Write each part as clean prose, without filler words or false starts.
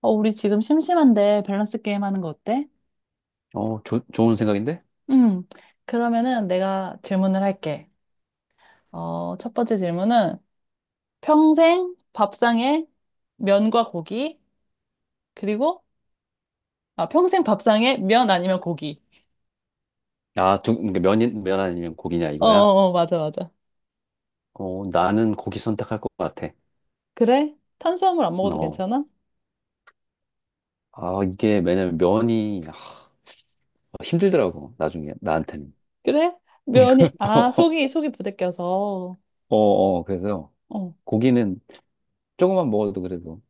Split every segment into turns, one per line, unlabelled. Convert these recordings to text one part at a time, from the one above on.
우리 지금 심심한데 밸런스 게임 하는 거 어때?
좋은 생각인데?
음, 그러면은 내가 질문을 할게. 첫 번째 질문은 평생 밥상에 면과 고기, 그리고, 평생 밥상에 면 아니면 고기.
그러니까 면 아니면 고기냐,
어,
이거야?
어, 어, 맞아, 맞아.
나는 고기 선택할 것 같아.
그래? 탄수화물 안 먹어도
어,
괜찮아?
이게, 왜냐면 면이, 힘들더라고, 나중에, 나한테는.
그래? 속이, 속이 부대껴서.
그래서
어,
고기는 조금만 먹어도 그래도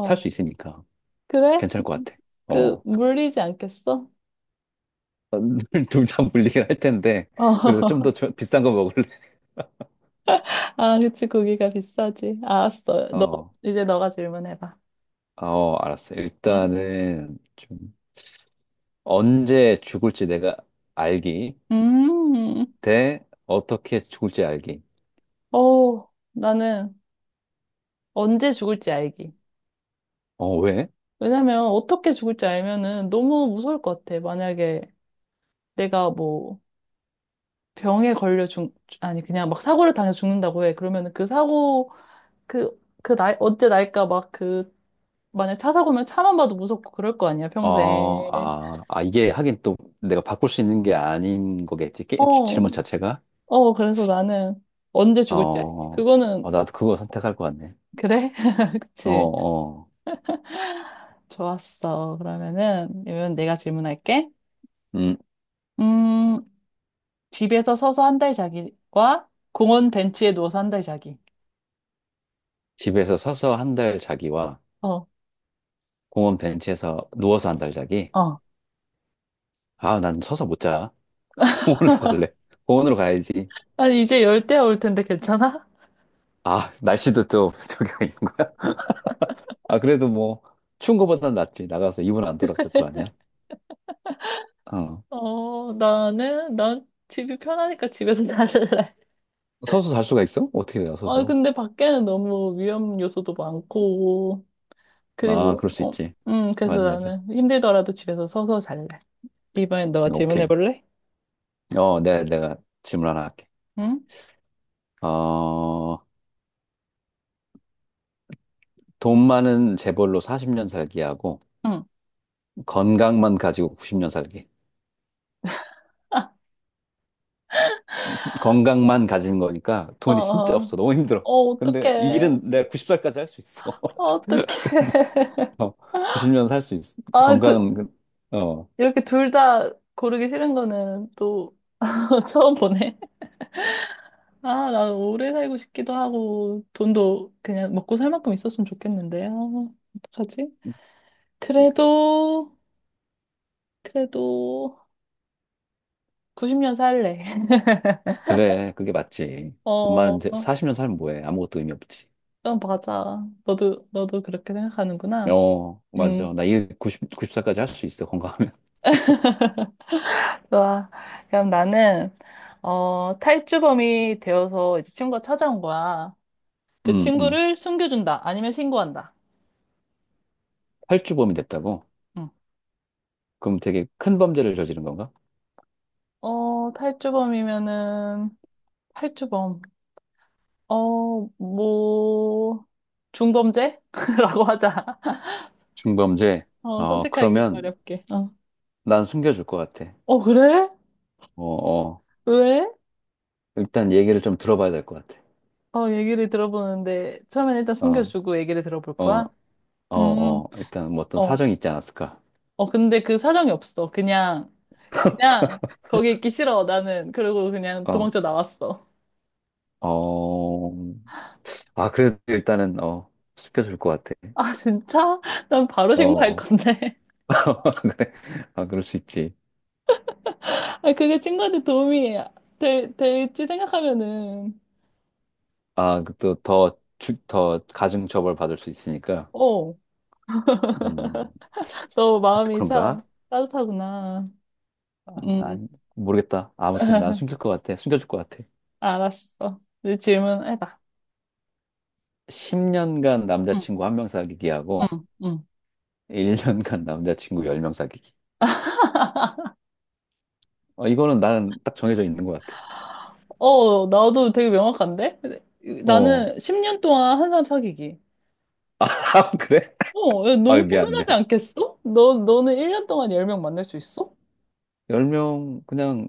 살 수 있으니까
그래?
괜찮을 것 같아. 어,
물리지 않겠어?
둘 다 물리긴 할 텐데, 그래서 좀 더
어.
비싼 거 먹을래?
아, 그치, 고기가 비싸지. 알았어.
어,
이제 너가 질문해봐.
알았어.
응?
일단은 좀 언제 죽을지 내가 알기.
음,
대 어떻게 죽을지 알기.
어, 나는 언제 죽을지 알기.
왜?
왜냐면 어떻게 죽을지 알면은 너무 무서울 것 같아. 만약에 내가 뭐 병에 걸려 죽, 아니, 그냥 막 사고를 당해서 죽는다고 해. 그러면은 그 사고, 그, 그 날, 언제 날까 막 그, 만약 차 사고면 차만 봐도 무섭고 그럴 거 아니야, 평생.
이게 하긴 또 내가 바꿀 수 있는 게 아닌 거겠지.
어,
질문 자체가.
어, 그래서 나는 언제 죽을지 알기.
어,
그거는,
나도 그거 선택할 것 같네.
그래?
어,
그치.
어,
좋았어. 그러면은, 이번 내가 질문할게.
음,
음, 집에서 서서 한달 자기와 공원 벤치에 누워서 한 달 자기.
집에서 서서 한 달 자기와
어,
공원 벤치에서 누워서 한 달 자기.
어.
아, 난 서서 못 자. 공원으로 갈래. 공원으로 가야지.
아니, 이제 열대 올 텐데 괜찮아?
아, 날씨도 또 저기가 있는 거야. 아, 그래도 뭐, 추운 거보단 낫지. 나가서 이불 안 돌아갈 거 아니야? 어.
난 집이 편하니까 집에서 잘래.
서서 잘 수가 있어? 어떻게 내가
아,
서서?
근데 밖에는 너무 위험 요소도 많고,
아,
그리고,
그럴 수
어,
있지.
그래서
맞아, 맞아.
나는 힘들더라도 집에서 서서 잘래. 이번엔 너가 질문해
오케이.
볼래?
내가 질문 하나 할게.
응?
어, 돈 많은 재벌로 40년 살기 하고,
응.
건강만 가지고 90년 살기.
아,
건강만 가진 거니까
어,
돈이 진짜
어.
없어. 너무 힘들어.
어,
근데 이
어떡해.
일은 내가 90살까지 할 수 있어.
어,
근데,
어떡해.
어, 90년 살 수 있어.
아, 두,
건강은,
이렇게 둘 다 고르기 싫은 거는 또 처음 보네. 아, 나 오래 살고 싶기도 하고, 돈도 그냥 먹고 살 만큼 있었으면 좋겠는데. 아, 어떡하지? 그래도, 그래도 90년 살래.
그래. 그게 맞지.
어,
40년 살면 뭐해. 아무것도 의미 없지.
그럼 맞아. 너도, 너도 그렇게 생각하는구나.
어, 맞아.
음,
나 일 90, 90살까지 할 수 있어. 건강하면.
좋아. 그럼 나는, 탈주범이 되어서 이제 친구가 찾아온 거야. 그
음, 음.
친구를 숨겨준다. 아니면 신고한다.
탈주범이 됐다고?
응.
그럼 되게 큰 범죄를 저지른 건가?
어, 탈주범이면은, 탈주범. 뭐, 중범죄? 라고 하자.
중범죄?
어, 선택하기
그러면
어렵게. 어.
난 숨겨줄 것 같아.
어, 그래?
어, 어.
왜?
일단 얘기를 좀 들어봐야 될 것 같아.
얘기를 들어보는데, 처음엔 일단
어,
숨겨주고 얘기를 들어볼
어,
거야? 음,
일단 뭐 어떤
어.
사정이 있지 않았을까?
근데 그 사정이 없어. 그냥, 거기 있기 싫어, 나는. 그리고 그냥
어,
도망쳐 나왔어.
어. 아, 그래도 일단은, 숨겨줄 것 같아.
아, 진짜? 난 바로 신고할
어,
건데.
그래. 아, 그럴 수 있지.
아, 그게 친구한테 도움이 될지 생각하면은.
아, 그 또 더 가중처벌 받을 수 있으니까.
어.
음,
너
아 또
마음이 참
그런가?
따뜻하구나.
아,
음,
난 모르겠다. 아무튼 난 숨길 것 같아. 숨겨줄 것 같아.
알았어. 이제 질문해봐.
10년간
응,
남자친구 한 명 사귀기 하고
응, 응.
1년간 남자친구 10명 사귀기. 이거는 나는 딱 정해져 있는 것 같아.
어, 나도 되게 명확한데?
어.
나는 10년 동안 한 사람 사귀기.
아, 그래?
어, 야,
아,
너무
미안,
피곤하지
미안.
않겠어? 너는 1년 동안 10명 만날 수 있어?
10명 그냥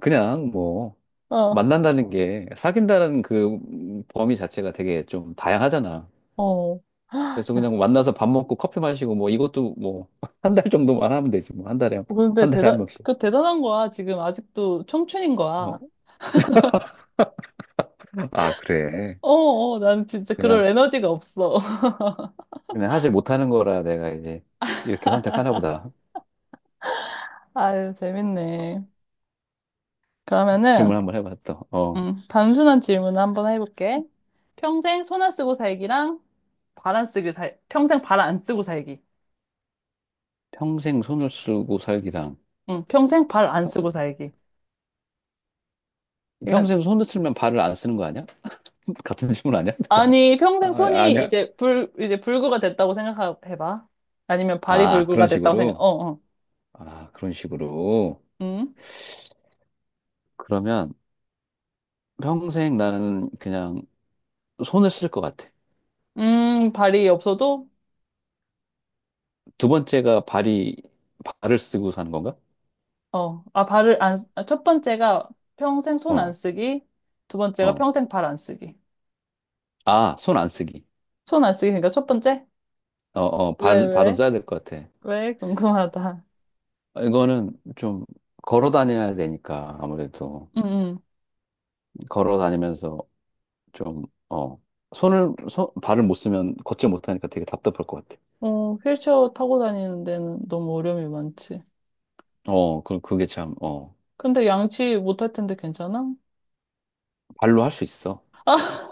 그냥 뭐
어,
만난다는 게 사귄다는 그 범위 자체가 되게 좀 다양하잖아.
어. 아,
그래서
야,
그냥 만나서 밥 먹고 커피 마시고 뭐 이것도 뭐 한 달 정도만 하면 되지 뭐 한 달에 한 명씩.
그 대단한 거야. 지금 아직도 청춘인
어.
거야.
아, 그래.
나는 진짜
그냥
그럴 에너지가 없어.
그냥 하지 못하는 거라 내가 이제 이렇게 선택하나 보다.
아유, 재밌네. 그러면은,
질문 한번 해봤다. 어.
단순한 질문을 한번 해볼게. 평생 손 안 쓰고 살기랑 발 안 쓰기 살, 평생 발 안 쓰고 살기.
평생 손을 쓰고 살기랑
응, 평생 발 안
평-
쓰고 살기. 그러니까,
평생 손을 쓰면 발을 안 쓰는 거 아니야? 같은 질문 아니야? 잠깐만.
아니, 평생
아,
손이
아니야.
이제 불구가 됐다고 생각해봐. 아니면 발이
아,
불구가
그런
됐다고 생각,
식으로.
어, 어.
아, 그런 식으로.
음,
그러면 평생 나는 그냥 손을 쓸 것 같아.
발이 없어도,
두 번째가 발이 발을 쓰고 사는 건가?
어, 아, 발을 안, 쓰- 아, 첫 번째가 평생 손 안
어,
쓰기. 두 번째가
어.
평생 발 안 쓰기.
아, 손 안 쓰기.
손 안 쓰기, 그러니까 첫 번째?
어, 어.
왜,
발 발은
왜?
써야 될 것 같아.
왜? 궁금하다.
이거는 좀 걸어 다녀야 되니까 아무래도
응, 응.
걸어 다니면서 좀, 손을, 발을 못 쓰면 걷질 못하니까 되게 답답할 것 같아.
휠체어 타고 다니는 데는 너무 어려움이 많지.
그게 참,
근데 양치 못할 텐데 괜찮아?
발로 할 수 있어.
아,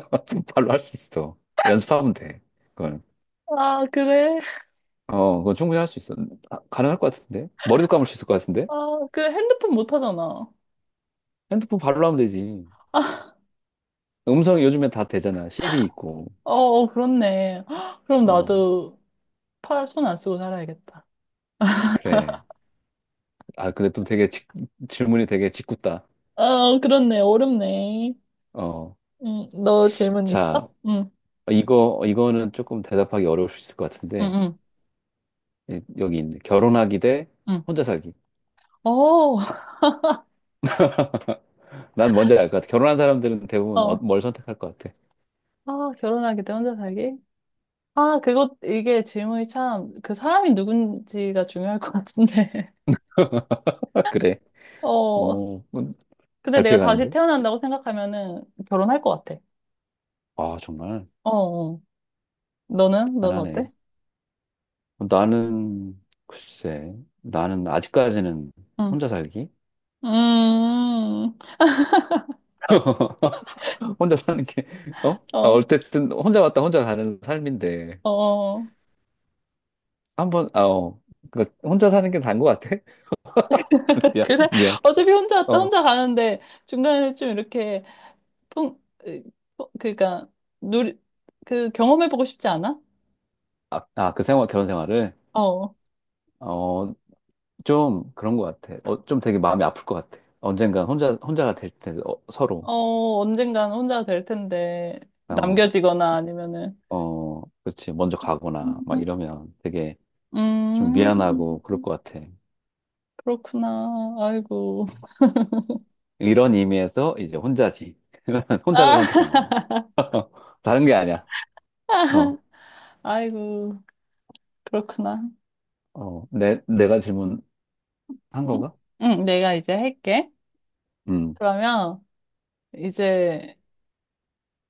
발로 할 수 있어. 연습하면 돼. 그건.
아, 그래?
어, 그건 충분히 할 수 있어. 아, 가능할 것 같은데? 머리도 감을 수 있을 것 같은데?
아, 그 핸드폰 못 하잖아.
핸드폰 발로 하면 되지.
어,
음성이 요즘엔 다 되잖아. 시리 있고.
어, 그렇네. 헉, 그럼
어,
나도 손 안 쓰고 살아야겠다.
그래. 아, 근데 또 되게 질문이 되게 짓궂다.
어, 그렇네. 어렵네.
어,
응, 너 질문
자,
있어? 응,
이거는 조금 대답하기 어려울 수 있을 것
응,
같은데.
응,
예, 여기 있네. 결혼하기 대
응.
혼자 살기.
어,
난 뭔지 알 것 같아. 결혼한 사람들은 대부분 어-
어.
뭘 선택할 것 같아.
아, 결혼하기 때 혼자 살기? 이게 질문이 참, 그 사람이 누군지가 중요할 것 같은데.
그래.
어,
어,
근데
잘
내가 다시
피해가는데?
태어난다고 생각하면은 결혼할 것 같아.
아, 정말
어, 어. 너는? 너는
대단하네.
어때?
어, 나는, 글쎄, 나는 아직까지는
응.
혼자 살기?
음,
혼자 사는 게, 어? 아,
어,
어쨌든 혼자 왔다 혼자 가는 삶인데,
어.
한 번, 아, 어. 그러니까 혼자 사는 게 나은 것 같아? 미안,
그래?
미안.
어차피 혼자 왔다
어.
혼자 가는데 중간에 좀 이렇게 통, 으, 그러니까 누리, 그 경험해보고 싶지 않아?
그 생활, 결혼 생활을,
어,
어, 좀 그런 것 같아. 좀 되게 마음이 아플 것 같아. 언젠가 혼자, 혼자가 될 때, 어, 서로.
어, 언젠간 혼자 될 텐데
어,
남겨지거나 아니면은.
어, 그렇지. 먼저 가거나 막 이러면 되게 좀
음, 음,
미안하고 그럴 것 같아.
그렇구나. 아이고.
이런 의미에서 이제 혼자지. 혼자를
아,
선택한다니. 다른 게 아니야. 어,
아이고. 그렇구나.
내가 질문한 건가?
응, 내가 이제 할게.
음,
그러면 이제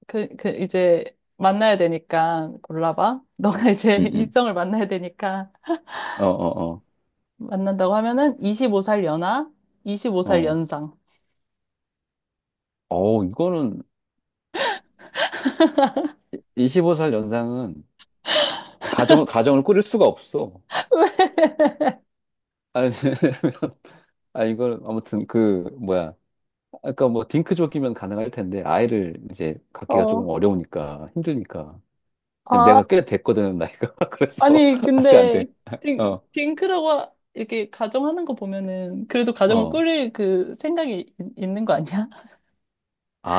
그 이제 만나야 되니까 골라봐. 너가 이제
음, 음.
일정을 만나야 되니까
어, 어,
만난다고 하면은 25살 연하,
어,
25살
어.
연상.
이거는 25살 연상은 가정을 꾸릴 수가 없어. 아니, 왜냐면 아무튼, 뭐야. 아까 뭐, 딩크족이면 가능할 텐데, 아이를 이제 갖기가
어.
조금 어려우니까, 힘드니까.
아,
내가 꽤 됐거든, 나이가. 그래서,
아니
안 돼, 안
근데
돼. 어,
딩크라고 하- 이렇게 가정하는 거 보면은 그래도 가정을
어.
꾸릴 그 생각이 있는 거 아니야?
아,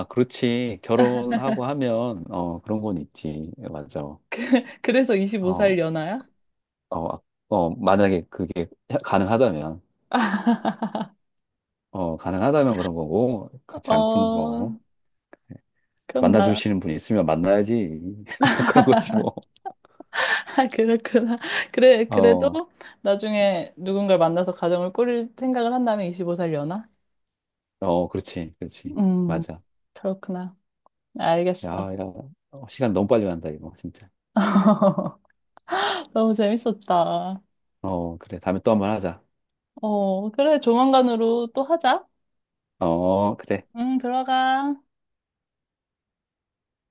그렇지. 결혼하고 하면, 어, 그런 건 있지. 예, 맞아.
그래서 25살
어,
연하야?
아, 만약에 그게 가능하다면, 가능하다면 그런 거고, 그렇지 않고는
어,
뭐,
그럼 나
만나주시는 분이 있으면 만나야지. 그런 거지, 뭐.
아, 그렇구나. 그래, 그래도
어,
나중에 누군가를 만나서 가정을 꾸릴 생각을 한다면 25살 연하
어, 그렇지, 그렇지.
음,
맞아.
그렇구나.
야,
알겠어.
야, 어, 시간 너무 빨리 간다, 이거, 진짜.
너무 재밌었다.
어, 그래. 다음에 또 한번 하자.
어, 그래, 조만간으로 또 하자.
어, 그래.
응, 들어가.